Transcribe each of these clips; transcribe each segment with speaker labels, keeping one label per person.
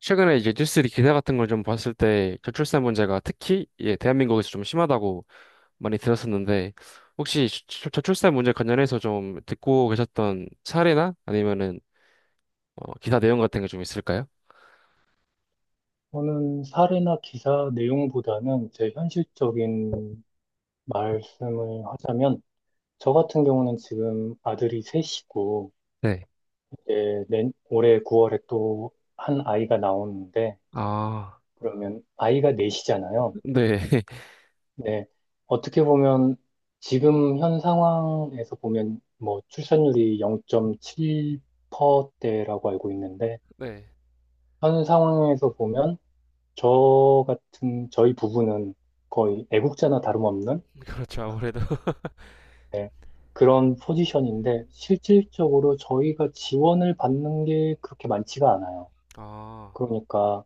Speaker 1: 최근에 이제 뉴스 리 기사 같은 걸 좀 봤을 때 저출산 문제가 특히 예, 대한민국에서 좀 심하다고 많이 들었었는데 혹시 저출산 문제 관련해서 좀 듣고 계셨던 사례나 아니면은 기사 내용 같은 게 좀 있을까요?
Speaker 2: 저는 사례나 기사 내용보다는 제 현실적인 말씀을 하자면, 저 같은 경우는 지금 아들이 셋이고,
Speaker 1: 네.
Speaker 2: 이제 올해 9월에 또 한 아이가 나오는데,
Speaker 1: 아,
Speaker 2: 그러면 아이가 넷이잖아요.
Speaker 1: 네.
Speaker 2: 네. 어떻게 보면 지금 현 상황에서 보면 뭐 출산율이 0.7%대라고 알고 있는데,
Speaker 1: 네.
Speaker 2: 현 상황에서 보면 저 같은 저희 부부는 거의 애국자나 다름없는
Speaker 1: 그렇죠. 아무래도.
Speaker 2: 네, 그런 포지션인데 실질적으로 저희가 지원을 받는 게 그렇게 많지가 않아요.
Speaker 1: 아,
Speaker 2: 그러니까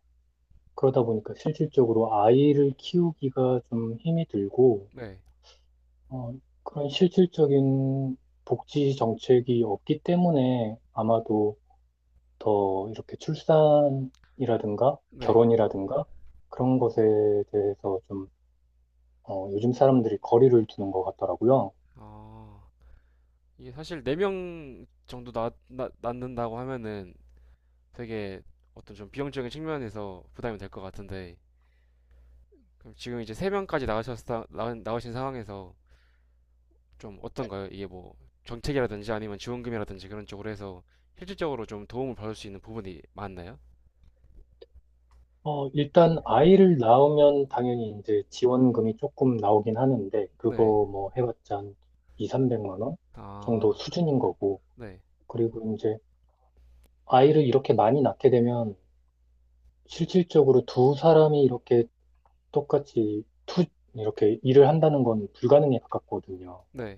Speaker 2: 그러다 보니까 실질적으로 아이를 키우기가 좀 힘이 들고
Speaker 1: 네.
Speaker 2: 어, 그런 실질적인 복지 정책이 없기 때문에 아마도 더 이렇게 출산이라든가
Speaker 1: 네.
Speaker 2: 결혼이라든가 그런 것에 대해서 좀 요즘 사람들이 거리를 두는 것 같더라고요.
Speaker 1: 아, 이게 사실 4명 정도 낳는다고 하면은 되게 어떤 좀 비용적인 측면에서 부담이 될 것 같은데 그럼 지금 이제 세 명까지 나가셨다 나오신 상황에서 좀 어떤가요? 이게 뭐 정책이라든지 아니면 지원금이라든지 그런 쪽으로 해서 실질적으로 좀 도움을 받을 수 있는 부분이 많나요?
Speaker 2: 일단 아이를 낳으면 당연히 이제 지원금이 조금 나오긴 하는데 그거
Speaker 1: 네.
Speaker 2: 뭐 해봤자 한 2, 300만 원 정도
Speaker 1: 아,
Speaker 2: 수준인 거고
Speaker 1: 네.
Speaker 2: 그리고 이제 아이를 이렇게 많이 낳게 되면 실질적으로 두 사람이 이렇게 똑같이 투 이렇게 일을 한다는 건 불가능에 가깝거든요.
Speaker 1: 네.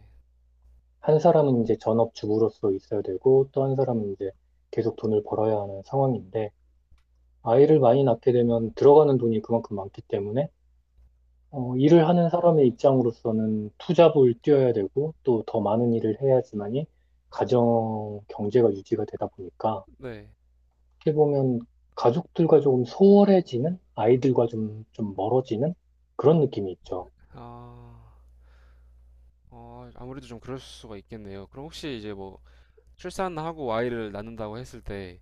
Speaker 2: 한 사람은 이제 전업주부로서 있어야 되고 또 한 사람은 이제 계속 돈을 벌어야 하는 상황인데 아이를 많이 낳게 되면 들어가는 돈이 그만큼 많기 때문에 일을 하는 사람의 입장으로서는 투잡을 뛰어야 되고 또 더 많은 일을 해야지만이 가정 경제가 유지가 되다 보니까
Speaker 1: 네.
Speaker 2: 어떻게 보면 가족들과 조금 소홀해지는 아이들과 좀 멀어지는 그런 느낌이 있죠.
Speaker 1: 아, 아무래도 좀 그럴 수가 있겠네요. 그럼 혹시 이제 뭐 출산하고 아이를 낳는다고 했을 때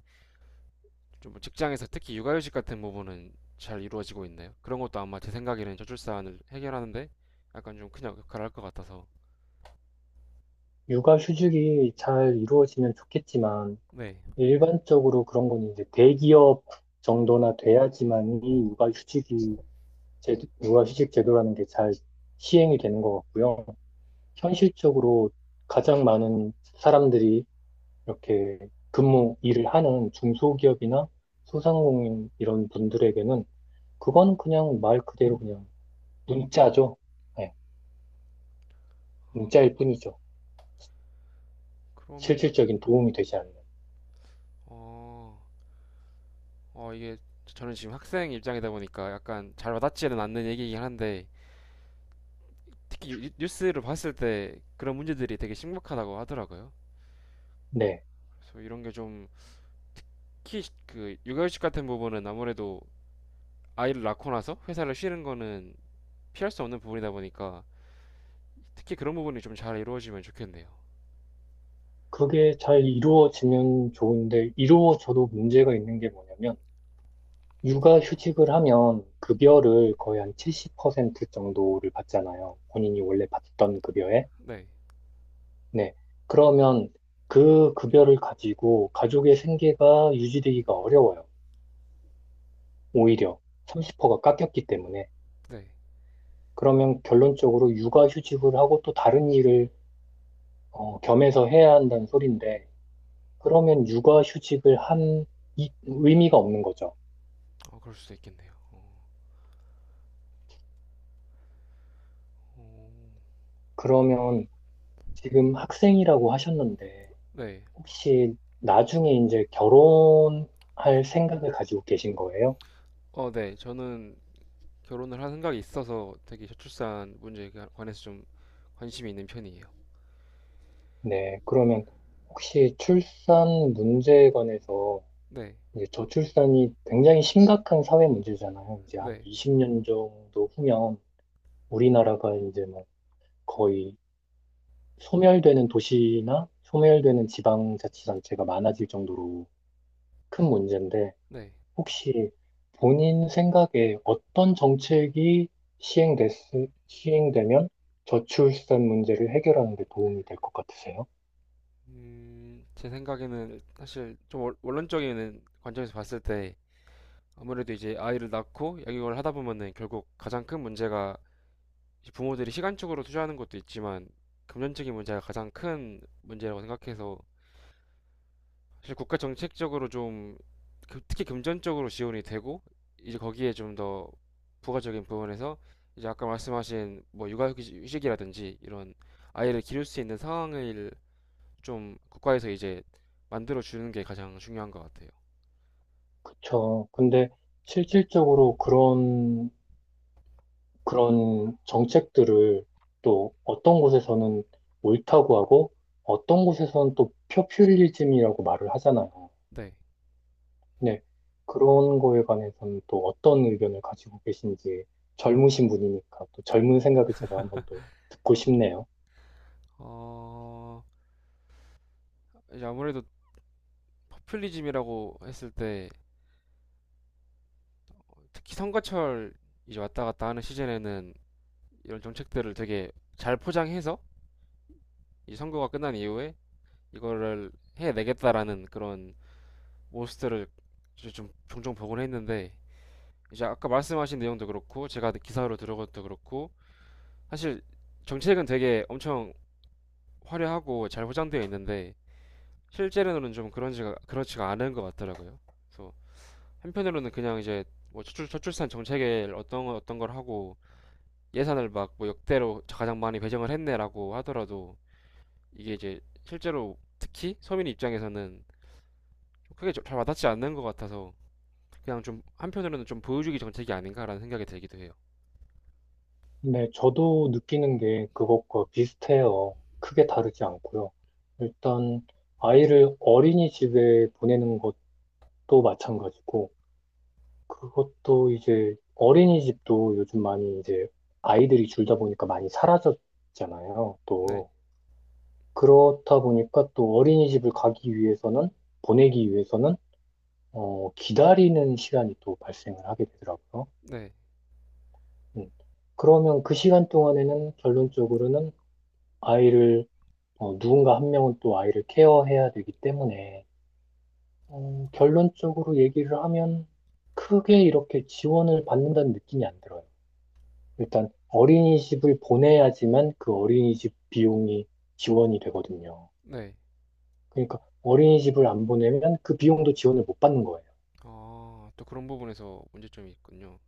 Speaker 1: 좀 직장에서 특히 육아휴직 같은 부분은 잘 이루어지고 있나요? 그런 것도 아마 제 생각에는 저출산을 해결하는데 약간 좀 큰 역할을 할 것 같아서.
Speaker 2: 육아 휴직이 잘 이루어지면 좋겠지만
Speaker 1: 네.
Speaker 2: 일반적으로 그런 건 이제 대기업 정도나 돼야지만이 육아 휴직이 제, 육아 휴직 제도라는 게 잘 시행이 되는 것 같고요. 현실적으로 가장 많은 사람들이 이렇게 근무 일을 하는 중소기업이나 소상공인 이런 분들에게는 그건 그냥 말 그대로 그냥 문자죠. 네, 문자일 뿐이죠.
Speaker 1: 그러면
Speaker 2: 실질적인 도움이 되지 않는.
Speaker 1: 어, 이게 저는 지금 학생 입장이다 보니까 약간 잘 와닿지는 않는 얘기이긴 한데 특히 뉴스를 봤을 때 그런 문제들이 되게 심각하다고 하더라고요.
Speaker 2: 네,
Speaker 1: 그래서 이런 게 좀, 특히 그 육아휴직 같은 부분은 아무래도 아이를 낳고 나서 회사를 쉬는 거는 피할 수 없는 부분이다 보니까 특히 그런 부분이 좀 잘 이루어지면 좋겠네요.
Speaker 2: 그게 잘 이루어지면 좋은데 이루어져도 문제가 있는 게 뭐냐면 육아휴직을 하면 급여를 거의 한 70% 정도를 받잖아요. 본인이 원래 받던 급여에.
Speaker 1: 네,
Speaker 2: 네. 그러면 그 급여를 가지고 가족의 생계가 유지되기가 어려워요. 오히려 30%가 깎였기 때문에.
Speaker 1: 네,
Speaker 2: 그러면 결론적으로 육아휴직을 하고 또 다른 일을 겸해서 해야 한다는 소린데, 그러면 육아휴직을 한 의미가 없는 거죠.
Speaker 1: 그럴 수도 있겠네요.
Speaker 2: 그러면 지금 학생이라고 하셨는데,
Speaker 1: 네,
Speaker 2: 혹시 나중에 이제 결혼할 생각을 가지고 계신 거예요?
Speaker 1: 네, 저는 결혼을 할 생각이 있어서 되게 저출산 문제에 관해서 좀 관심이 있는 편이에요.
Speaker 2: 네. 그러면 혹시 출산 문제에 관해서
Speaker 1: 네,
Speaker 2: 이제 저출산이 굉장히 심각한 사회 문제잖아요. 이제 한
Speaker 1: 네.
Speaker 2: 20년 정도 후면 우리나라가 이제 막 거의 소멸되는 도시나 소멸되는 지방자치단체가 많아질 정도로 큰 문제인데
Speaker 1: 네.
Speaker 2: 혹시 본인 생각에 어떤 정책이 시행됐, 시행되면 저출산 문제를 해결하는 데 도움이 될 것 같으세요?
Speaker 1: 제 생각에는 사실 좀 원론적인 관점에서 봤을 때 아무래도 이제 아이를 낳고 양육을 하다 보면은 결국 가장 큰 문제가 이제 부모들이 시간적으로 투자하는 것도 있지만 금전적인 문제가 가장 큰 문제라고 생각해서 사실 국가 정책적으로 좀 특히 금전적으로 지원이 되고 이제 거기에 좀 더 부가적인 부분에서 이제 아까 말씀하신 뭐 육아휴직이라든지 이런 아이를 기를 수 있는 상황을 좀 국가에서 이제 만들어 주는 게 가장 중요한 것 같아요.
Speaker 2: 그쵸. 근데 실질적으로 그런 정책들을 또 어떤 곳에서는 옳다고 하고 어떤 곳에서는 또 포퓰리즘이라고 말을 하잖아요.
Speaker 1: 네.
Speaker 2: 네. 그런 거에 관해서는 또 어떤 의견을 가지고 계신지 젊으신 분이니까 또 젊은 생각을 제가 한번 더 듣고 싶네요.
Speaker 1: 어, 이제 아무래도 포퓰리즘이라고 했을 때 특히 선거철 이제 왔다 갔다 하는 시즌에는 이런 정책들을 되게 잘 포장해서 이 선거가 끝난 이후에 이거를 해내겠다라는 그런 모습들을 이제 좀 종종 보곤 했는데 이제 아까 말씀하신 내용도 그렇고 제가 기사로 들은 것도 그렇고 사실 정책은 되게 엄청 화려하고 잘 포장되어 있는데 실제로는 좀 그런지가 그렇지가 않은 것 같더라고요. 그래서 한편으로는 그냥 이제 뭐 저출산 정책에 어떤 어떤 걸 하고 예산을 막 뭐 역대로 가장 많이 배정을 했네라고 하더라도 이게 이제 실제로 특히 서민 입장에서는 좀 크게 잘 와닿지 않는 것 같아서 그냥 좀 한편으로는 좀 보여주기 정책이 아닌가라는 생각이 들기도 해요.
Speaker 2: 네, 저도 느끼는 게 그것과 비슷해요. 크게 다르지 않고요. 일단 아이를 어린이집에 보내는 것도 마찬가지고 그것도 이제 어린이집도 요즘 많이 이제 아이들이 줄다 보니까 많이 사라졌잖아요.
Speaker 1: 네,
Speaker 2: 또 그렇다 보니까 또 어린이집을 가기 위해서는 보내기 위해서는 기다리는 시간이 또 발생을 하게 되더라고요.
Speaker 1: 네,
Speaker 2: 음. 그러면 그 시간 동안에는 결론적으로는 아이를 누군가 한 명은 또 아이를 케어해야 되기 때문에 결론적으로 얘기를 하면 크게 이렇게 지원을 받는다는 느낌이 안 들어요. 일단 어린이집을 보내야지만 그 어린이집 비용이 지원이 되거든요.
Speaker 1: 네.
Speaker 2: 그러니까 어린이집을 안 보내면 그 비용도 지원을 못 받는 거예요.
Speaker 1: 또 그런 부분에서 문제점이 있군요.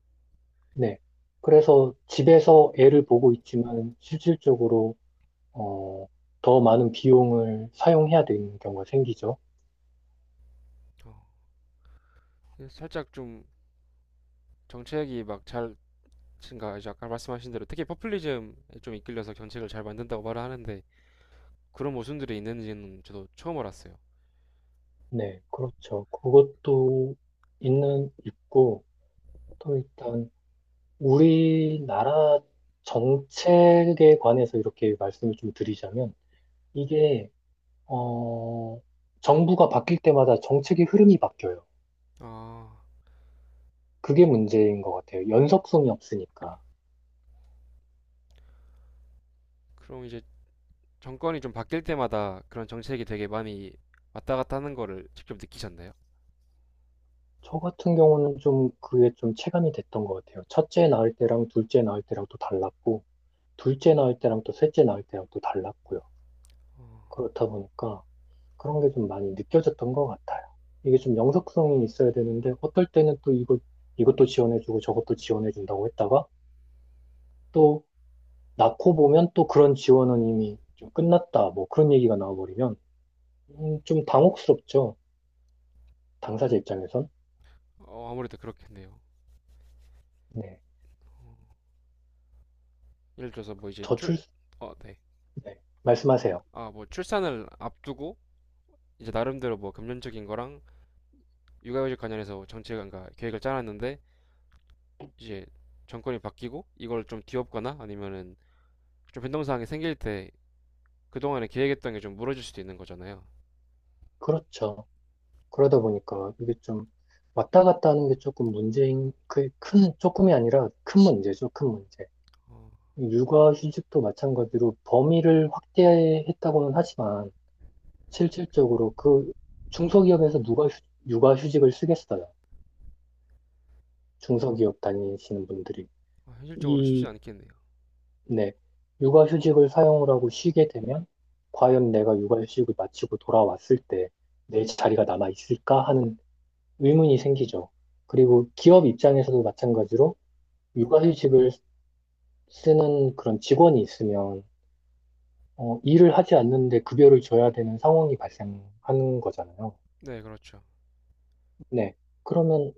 Speaker 2: 네. 그래서 집에서 애를 보고 있지만 실질적으로 어, 더 많은 비용을 사용해야 되는 경우가 생기죠.
Speaker 1: 어, 그래서 살짝 좀 정책이 막잘 친가 이제 아까 말씀하신 대로 특히 퍼플리즘에 좀 이끌려서 정책을 잘 만든다고 말을 하는데 그런 모순들이 있는지는 저도 처음 알았어요.
Speaker 2: 네, 그렇죠. 그것도 있는 있고 또 일단 우리나라 정책에 관해서 이렇게 말씀을 좀 드리자면 이게 어, 정부가 바뀔 때마다 정책의 흐름이 바뀌어요.
Speaker 1: 아,
Speaker 2: 그게 문제인 것 같아요. 연속성이 없으니까.
Speaker 1: 그럼 이제 정권이 좀 바뀔 때마다 그런 정책이 되게 많이 왔다 갔다 하는 거를 직접 느끼셨나요?
Speaker 2: 저 같은 경우는 좀 그게 좀 체감이 됐던 것 같아요. 첫째 낳을 때랑 둘째 낳을 때랑 또 달랐고, 둘째 낳을 때랑 또 셋째 낳을 때랑 또 달랐고요. 그렇다 보니까 그런 게 좀 많이 느껴졌던 것 같아요. 이게 좀 영속성이 있어야 되는데, 어떨 때는 또 이것도 지원해주고 저것도 지원해준다고 했다가, 또 낳고 보면 또 그런 지원은 이미 좀 끝났다. 뭐 그런 얘기가 나와버리면, 좀 당혹스럽죠. 당사자 입장에선.
Speaker 1: 아무래도 그렇겠네요.
Speaker 2: 네.
Speaker 1: 예를 들어서 뭐 이제
Speaker 2: 저출,
Speaker 1: 어, 네.
Speaker 2: 네. 말씀하세요.
Speaker 1: 뭐 출산을 앞두고 이제 나름대로 뭐 금전적인 거랑 육아휴직 관련해서 정책을, 그러니까 계획을 짜놨는데 이제 정권이 바뀌고 이걸 좀 뒤엎거나 아니면은 좀 변동사항이 생길 때 그동안에 계획했던 게 좀 무너질 수도 있는 거잖아요.
Speaker 2: 그렇죠. 그러다 보니까 이게 좀 왔다 갔다 하는 게 조금 문제인, 그 큰, 조금이 아니라 큰 문제죠. 큰 문제.
Speaker 1: 어,
Speaker 2: 육아휴직도 마찬가지로 범위를 확대했다고는 하지만 실질적으로 그 중소기업에서 누가 육아휴직을 쓰겠어요. 중소기업 다니시는 분들이.
Speaker 1: 아, 현실적으로 쉽진
Speaker 2: 이
Speaker 1: 않겠네요.
Speaker 2: 네. 육아휴직을 사용을 하고 쉬게 되면 과연 내가 육아휴직을 마치고 돌아왔을 때 내 자리가 남아 있을까 하는 의문이 생기죠. 그리고 기업 입장에서도 마찬가지로 육아휴직을 쓰는 그런 직원이 있으면 일을 하지 않는데 급여를 줘야 되는 상황이 발생하는 거잖아요.
Speaker 1: 네, 그렇죠.
Speaker 2: 네. 그러면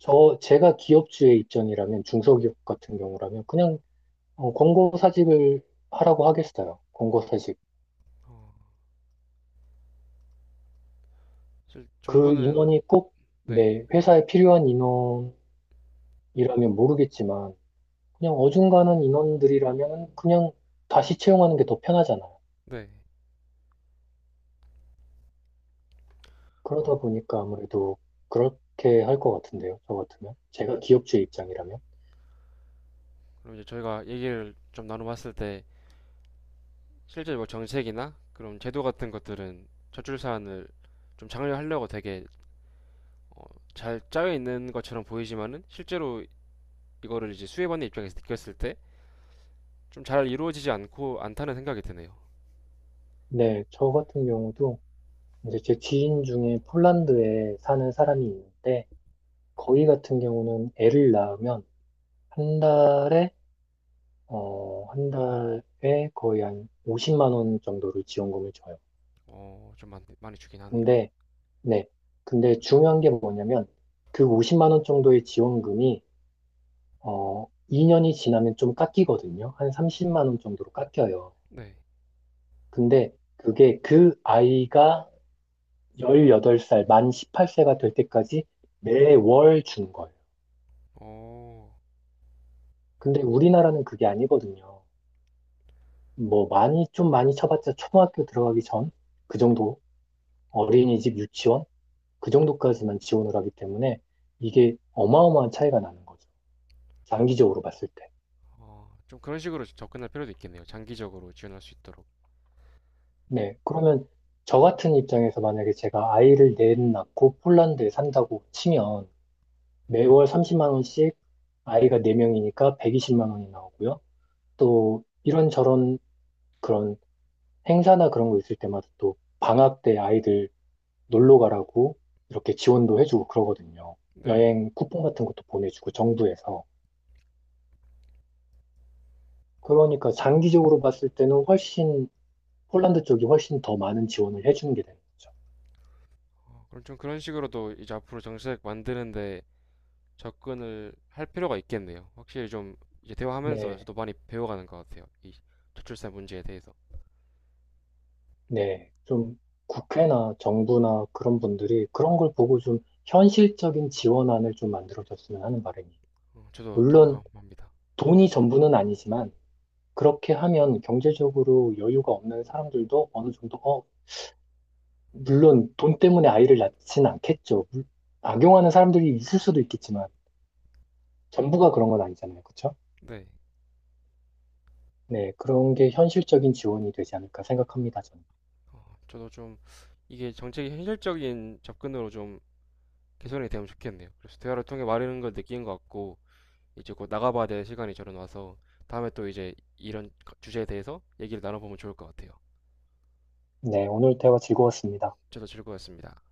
Speaker 2: 저 제가 기업주의 입장이라면 중소기업 같은 경우라면 그냥 권고사직을 하라고 하겠어요. 권고사직.
Speaker 1: 실
Speaker 2: 그
Speaker 1: 정부는
Speaker 2: 인원이 꼭
Speaker 1: 네,
Speaker 2: 내 회사에 필요한 인원이라면 모르겠지만 그냥 어중간한 인원들이라면 그냥 다시 채용하는 게 더 편하잖아요.
Speaker 1: 네.
Speaker 2: 그러다
Speaker 1: 어,
Speaker 2: 보니까 아무래도 그렇게 할 것 같은데요. 저 같으면 제가 기업주의 입장이라면
Speaker 1: 그럼 이제 저희가 얘기를 좀 나눠봤을 때 실제 뭐 정책이나 그런 제도 같은 것들은 저출 사안을 좀 장려하려고 되게 잘 짜여 있는 것처럼 보이지만은 실제로 이거를 이제 수혜받는 입장에서 느꼈을 때 좀 잘 이루어지지 않고 않다는 생각이 드네요.
Speaker 2: 네, 저 같은 경우도 이제 제 지인 중에 폴란드에 사는 사람이 있는데 거기 같은 경우는 애를 낳으면 한 달에 한 달에 거의 한 50만 원 정도를 지원금을 줘요.
Speaker 1: 좀 많이, 많이 주긴 하네요.
Speaker 2: 근데 네. 근데 중요한 게 뭐냐면 그 50만 원 정도의 지원금이 어 2년이 지나면 좀 깎이거든요. 한 30만 원 정도로 깎여요.
Speaker 1: 네.
Speaker 2: 근데 그게 그 아이가 18살, 만 18세가 될 때까지 매월 주는 거예요.
Speaker 1: 어,
Speaker 2: 근데 우리나라는 그게 아니거든요. 뭐 많이 좀 많이 쳐봤자 초등학교 들어가기 전 그 정도 어린이집 유치원 그 정도까지만 지원을 하기 때문에 이게 어마어마한 차이가 나는 거죠. 장기적으로 봤을 때.
Speaker 1: 좀 그런 식으로 접근할 필요도 있겠네요. 장기적으로 지원할 수 있도록.
Speaker 2: 네. 그러면 저 같은 입장에서 만약에 제가 아이를 넷 낳고 폴란드에 산다고 치면 매월 30만 원씩 아이가 4명이니까 120만 원이 나오고요. 또 이런저런 그런 행사나 그런 거 있을 때마다 또 방학 때 아이들 놀러 가라고 이렇게 지원도 해주고 그러거든요.
Speaker 1: 네.
Speaker 2: 여행 쿠폰 같은 것도 보내주고 정부에서. 그러니까 장기적으로 봤을 때는 훨씬 폴란드 쪽이 훨씬 더 많은 지원을 해주는 게 되는 거죠.
Speaker 1: 그럼 좀 그런 식으로도 이제 앞으로 정책 만드는데 접근을 할 필요가 있겠네요. 확실히 좀 이제 대화하면서
Speaker 2: 네.
Speaker 1: 저도 많이 배워가는 것 같아요. 이 저출산 문제에 대해서.
Speaker 2: 네, 좀 국회나 정부나 그런 분들이 그런 걸 보고 좀 현실적인 지원안을 좀 만들어줬으면 하는 바람이.
Speaker 1: 저도
Speaker 2: 물론
Speaker 1: 동감합니다.
Speaker 2: 돈이 전부는 아니지만 그렇게 하면 경제적으로 여유가 없는 사람들도 어느 정도, 어, 물론 돈 때문에 아이를 낳지는 않겠죠. 악용하는 사람들이 있을 수도 있겠지만 전부가 그런 건 아니잖아요. 그렇죠?
Speaker 1: 네.
Speaker 2: 네, 그런 게 현실적인 지원이 되지 않을까 생각합니다, 저는.
Speaker 1: 저도 좀 이게 정책이 현실적인 접근으로 좀 개선이 되면 좋겠네요. 그래서 대화를 통해 말하는 걸 느낀 것 같고, 이제 곧 나가봐야 될 시간이 저는 와서 다음에 또 이제 이런 주제에 대해서 얘기를 나눠보면 좋을 것 같아요.
Speaker 2: 네, 오늘 대화 즐거웠습니다.
Speaker 1: 저도 즐거웠습니다.